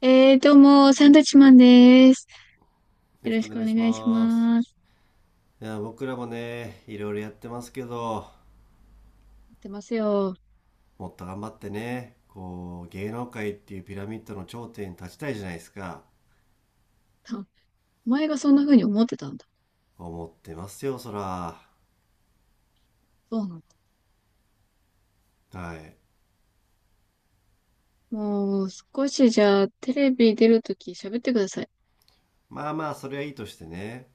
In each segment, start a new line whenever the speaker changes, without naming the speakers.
どうも、サンドイッチマンです。
よろ
よ
し
ろ
くお
しく
願
お
いし
願いし
ます。
ます。
いや、僕らもね、いろいろやってますけど、
やってますよ。
もっと頑張ってね、こう、芸能界っていうピラミッドの頂点に立ちたいじゃないですか。
あ、お前がそんな風に思ってたんだ。
思ってますよ、そら。
そうなんだ。
はい。
もう、少しじゃあ、テレビ出るとき喋ってください。
まあまあ、それはいいとしてね、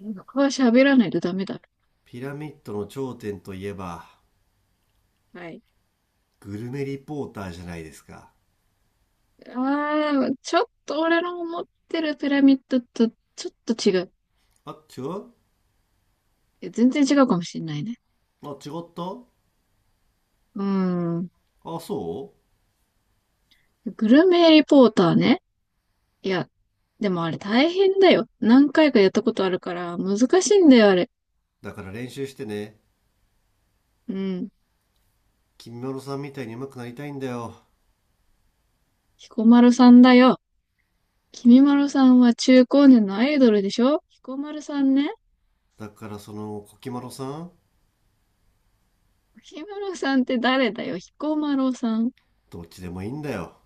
僕は喋らないとダメだ。
ピラミッドの頂点といえば、
はい。
グルメリポーターじゃないですか。
ちょっと俺の思ってるピラミッドとちょっと違う。
あ、違う。
いや全然違うかもしれないね。
あ、違った。
うーん。
あ、そ
グルメリポーターね。いや、でもあれ大変だよ。何回かやったことあるから、難しいんだよ、あれ。
う。だから練習してね、
うん。
君まろさんみたいに上手くなりたいんだよ。
彦丸さんだよ。君丸さんは中高年のアイドルでしょ、彦丸さんね。
だからその、コキまろさん。
君丸さんって誰だよ、彦丸さん。
どっちでもいいんだよ。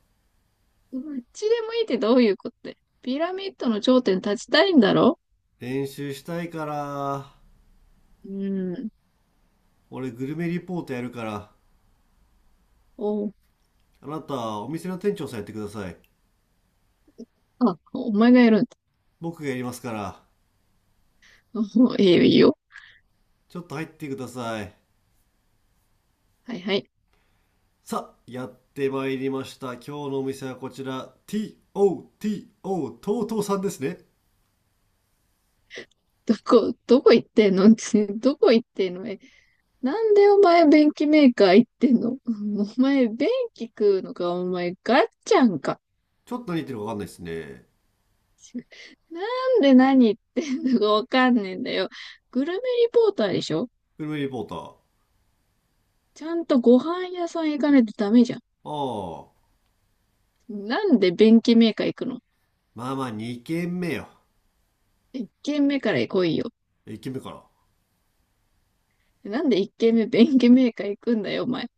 どっちでもいいってどういうことだよ。ピラミッドの頂点に立ちたいんだろ。
練習したいから。
うーん。
俺グルメリポートやるから、
お、
あなたお店の店長さんやってください。
あ、お前がやるんだ。
僕がやりますから、
お、いいよ、いいよ。
ちょっと入ってください。
はいはい。
さあ、やってまいりました。今日のお店はこちら、 TOTO、 とうとうさんですね。
どこ行ってんの？ どこ行ってんの？え、なんでお前便器メーカー行ってんの？うん。 お前便器食うのか、お前ガッチャンか。
ちょっと何言ってるか分かんないですね。
なんで何言ってんのかわかんねえんだよ。グルメリポーターでしょ？
グルメリポーター。
ちゃんとご飯屋さん行かないとダメじゃん。
ああ、
なんで便器メーカー行くの？
まあまあ、2軒目よ。
一軒目から来いよ。
1軒目から。
なんで一軒目便器メーカー行くんだよ、お前。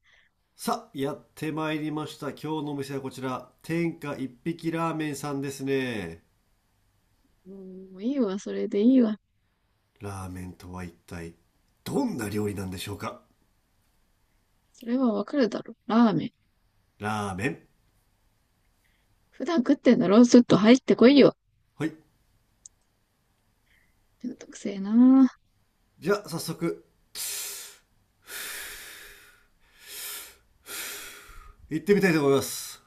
さあ、やってまいりました。今日のお店はこちら、天下一匹ラーメンさんですね。
うん、もういいわ、それでいいわ。
ラーメンとは一体どんな料理なんでしょうか？
それはわかるだろ。ラーメン。
ラーメン。
普段食ってんだろ、スッと入ってこいよ。
はい。
めんどくせえな。
じゃあ、早速行ってみたいと思います。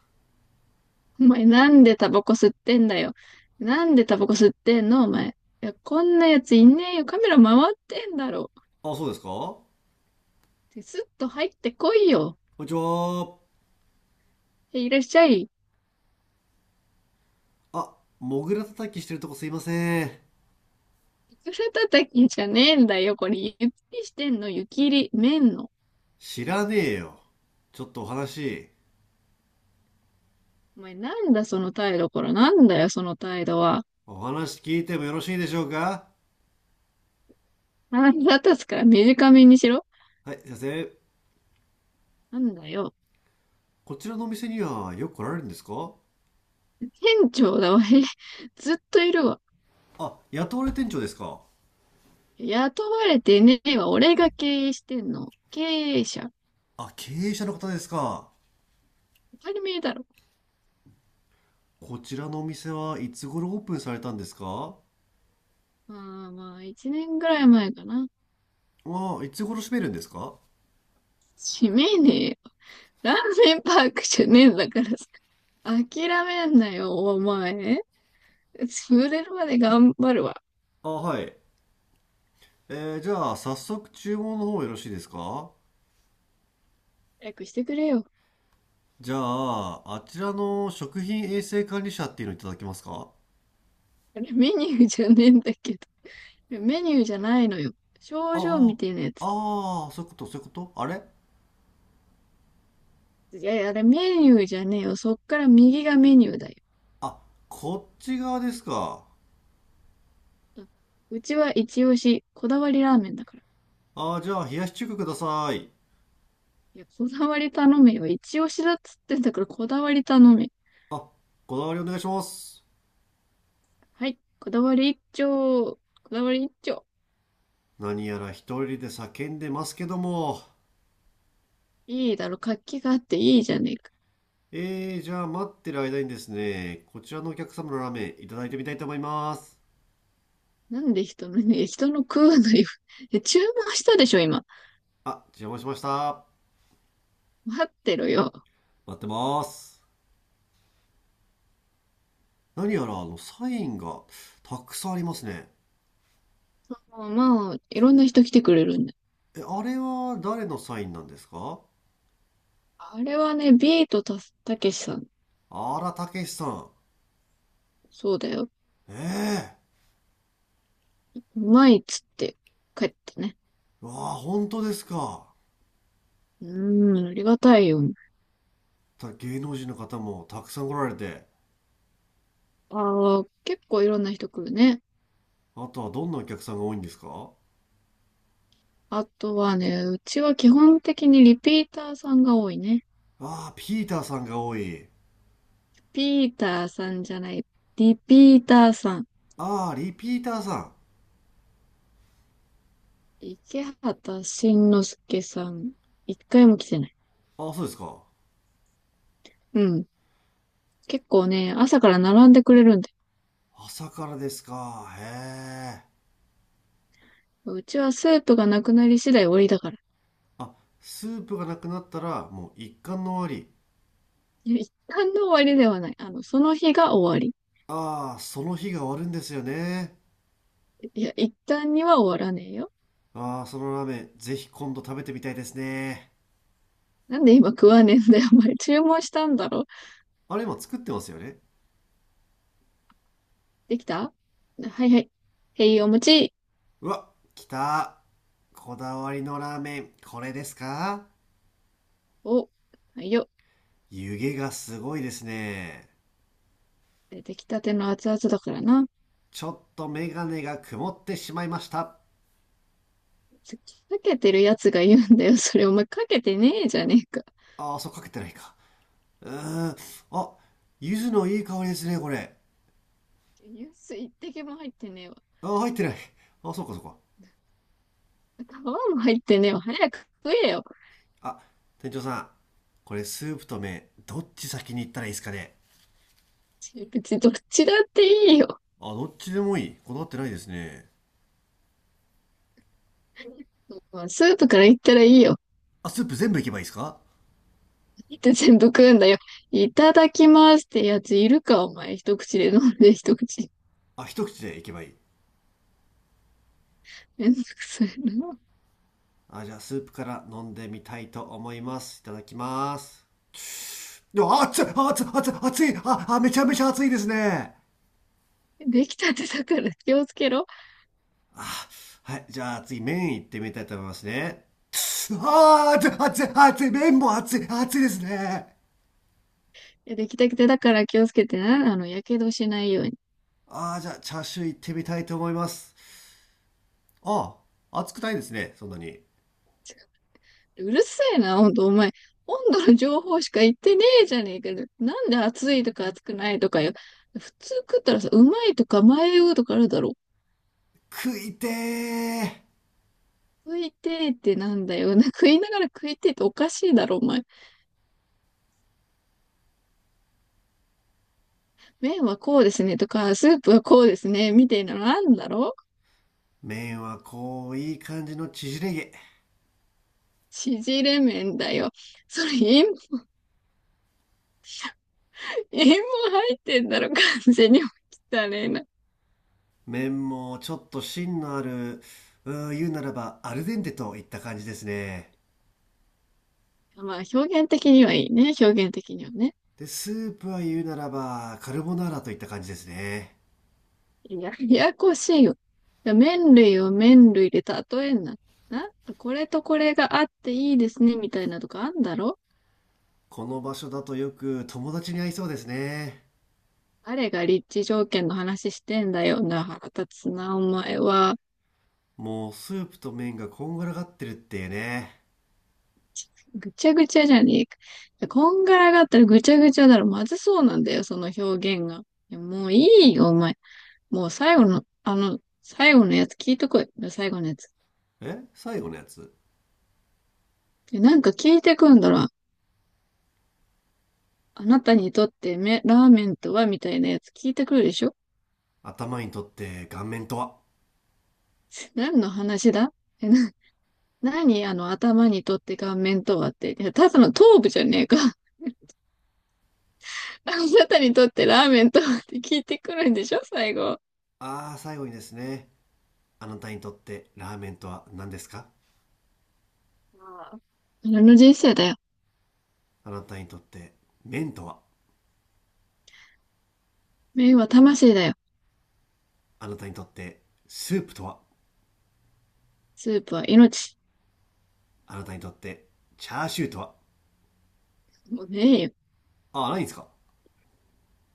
お前なんでタバコ吸ってんだよ。なんでタバコ吸ってんの、お前。いや、こんなやついねえよ。カメラ回ってんだろ。
あ、そうですか。こ
スッと入ってこいよ。
んにちは。
いらっしゃい。
あ、モグラ叩きしてるとこすいません。
いくら叩きじゃねえんだよ。これ、湯切りしてんの、湯切り、麺の。
知らねえよ。ちょっとお話、
お前、なんだその態度、これ。なんだよ、その態度は。
お話聞いてもよろしいでしょうか？
腹立つから短めにしろ。
はい、先生。
なんだよ。
こちらのお店にはよく来られるんですか？
店長だわ。へ、ずっといるわ。
あ、雇われ店長ですか？
雇われてねえわ。俺が経営してんの。経営者。
あ、経営者の方ですか？
当たり前だろ。
こちらのお店はいつ頃オープンされたんですか？
ああ、まあ、一年ぐらい前かな。
あ、いつ頃閉めるんですか？
閉めねえよ。ラーメンパークじゃねえんだからさ。諦めんなよ、お前。潰れるまで頑張るわ。
あ、はい。じゃあ、早速注文の方よろしいですか？
早くしてくれよ。
じゃあ、あちらの食品衛生管理者っていうのいただけますか？
あれメニューじゃねえんだけど。メニューじゃないのよ。
あ
症状みてえなや
あ、
つ。
ああ、そういうこと、そういうこと、あれ。
いやいや、あれメニューじゃねえよ。そっから右がメニューだよ。
あ、こっち側ですか？
うちは一押し、こだわりラーメンだから。
ああ、じゃあ、冷やし中華ください。
いや、こだわり頼めよ。一押しだっつってんだから、こだわり頼め。
あ、こだわりお願いします。
はい、こだわり一丁。こだわり一丁。
何やら一人で叫んでますけども。
いいだろ、活気があっていいじゃねえか。
じゃあ、待ってる間にですね、こちらのお客様のラーメンいただいてみたいと思います。
なんで人の、ね、人の食うのよ。え、注文したでしょ、今。
あ、邪魔しました。
待ってろよ。
待ってます。何やらあのサインがたくさんありますね。
もうまあ、いろんな人来てくれるんだ。
え、あれは誰のサインなんですか？
あれはね、ビートたけしさん。
あら、たけしさん。
そうだよ。
ええ
うまいっつって帰ったね。
ー、わあ、本当ですか？
うーん、ありがたいよ。
芸能人の方もたくさん来られて。
ああ、結構いろんな人来るね。
あとはどんなお客さんが多いんですか？
あとはね、うちは基本的にリピーターさんが多いね。
ああ、ピーターさんが多い。
リピーターさんじゃない。リピーターさん。
ああ、リピーターさん。
池畑慎之介さん。一回も来てない。
ああ、そうですか。
うん。結構ね、朝から並んでくれるんで。
朝からですか？へえ。
うちはスープがなくなり次第終わりだから。
あ、スープがなくなったらもう一貫の終わり。
いや、一旦の終わりではない。その日が終わり。
ああ、その日が終わるんですよね。
いや、一旦には終わらねえよ。
ああ、そのラーメン、ぜひ今度食べてみたいですね。
なんで今食わねえんだよ。お前注文したんだろ。
あれ、今作ってますよね。
できた。はいはい。へい、お餅。
うわ、来た。こだわりのラーメン、これですか？
お、はいよ。
湯気がすごいですね。
出てきたての熱々だからな。
ちょっとメガネが曇ってしまいました。
かけてるやつが言うんだよ。それお前かけてねえじゃねえか。
ああ、そうかけてないか。うーん。あ、柚子のいい香りですね、これ。
ニュース一滴も入ってねえわ。
ああ、入ってない。ああ、そうかそうか。
皮も入ってねえわ。早く食えよ。
あ、店長さん。これスープと麺、どっち先に行ったらいいですかね？
別にどっちだっていいよ。
あ、どっちでもいい。こだわってないですね。
まあスープからいったらいいよ。
あ、スープ全部いけばいいですか？
って全部食うんだよ。いただきますってやついるか、お前。一口で飲んで一口。
あ、一口でいけばいい。
めんどくさいな。
あ、じゃあ、スープから飲んでみたいと思います。いただきます。でも、あ、熱い熱い熱い熱い、ああ、めちゃめちゃ熱いですね。
できたてだから気をつけろ。
あ、はい。じゃあ、次麺いってみたいと思いますね。ああ、熱い熱い熱い、麺も熱い熱いですね。
いや、できたてだから気をつけてな。やけどしないように。
ああ、じゃあ、チャーシューいってみたいと思います。あ、あ、熱くないですね、そんなに。
うるせえな、ほんと、お前。温度の情報しか言ってねえじゃねえかよ。なんで熱いとか熱くないとかよ。普通食ったらさ、うまいとか迷うとかあるだろ。
食いてー。
食いてえってなんだよ。な、食いながら食いてえっておかしいだろ、お前。麺はこうですねとか、スープはこうですね、みたいなのなんだろう。
麺はこういい感じの縮れ毛。
縮れ麺だよ。それ塩も入ってんだろ、完全に。汚ねえな。
麺もちょっと芯のある、言うならばアルデンテといった感じですね。
まあ、表現的にはいいね、表現的にはね。
で、スープは言うならばカルボナーラといった感じですね。
ややこしいよ。麺類を麺類で例えんな。な、これとこれがあっていいですね、みたいなとかあんだろ。
この場所だとよく友達に会いそうですね。
誰が立地条件の話してんだよな、腹立つな、お前は。
もうスープと麺がこんがらがってるっていうね。
ぐちゃぐちゃじゃねえか。こんがらがったらぐちゃぐちゃだろ。まずそうなんだよ、その表現が。いや、もういいよ、お前。もう最後の、最後のやつ聞いてこい。最後のやつ。
え、最後のやつ？
でなんか聞いてくんだろ。あなたにとってラーメンとはみたいなやつ聞いてくるでしょ？
頭にとって顔面とは？
何の話だ？え、な、何あの頭にとって顔面とはって。いや、ただの頭部じゃねえか。あなたにとってラーメンとはって聞いてくるんでしょ、最後。あ
ああ、最後にですね。あなたにとってラーメンとは何ですか？
あの、人生だよ。
あなたにとって麺とは？
麺は魂だよ。
あなたにとってスープとは？
スープは命。
あなたにとってチャーシューとは？
もうねえよ。
あ、ないんですか？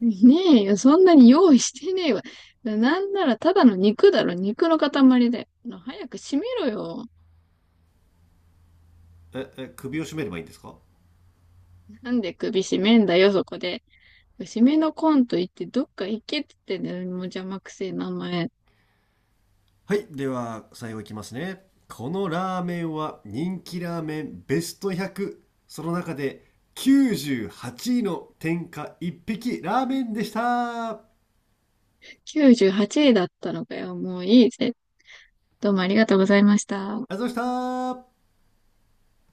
ねえよ。そんなに用意してねえわ。なんならただの肉だろ。肉の塊だよ。早く閉めろよ。
え、え、首を絞めればいいんですか？
なんで首締めんだよ、そこで。締めのコンと言ってどっか行けって言ってんだよ。もう邪魔くせえ名前。
はい、では、最後いきますね。このラーメンは人気ラーメンベスト100。その中で98位の天下一匹ラーメンでした。あり
98位だったのかよ。もういいぜ。どうもありがとうございました。
がとうございました。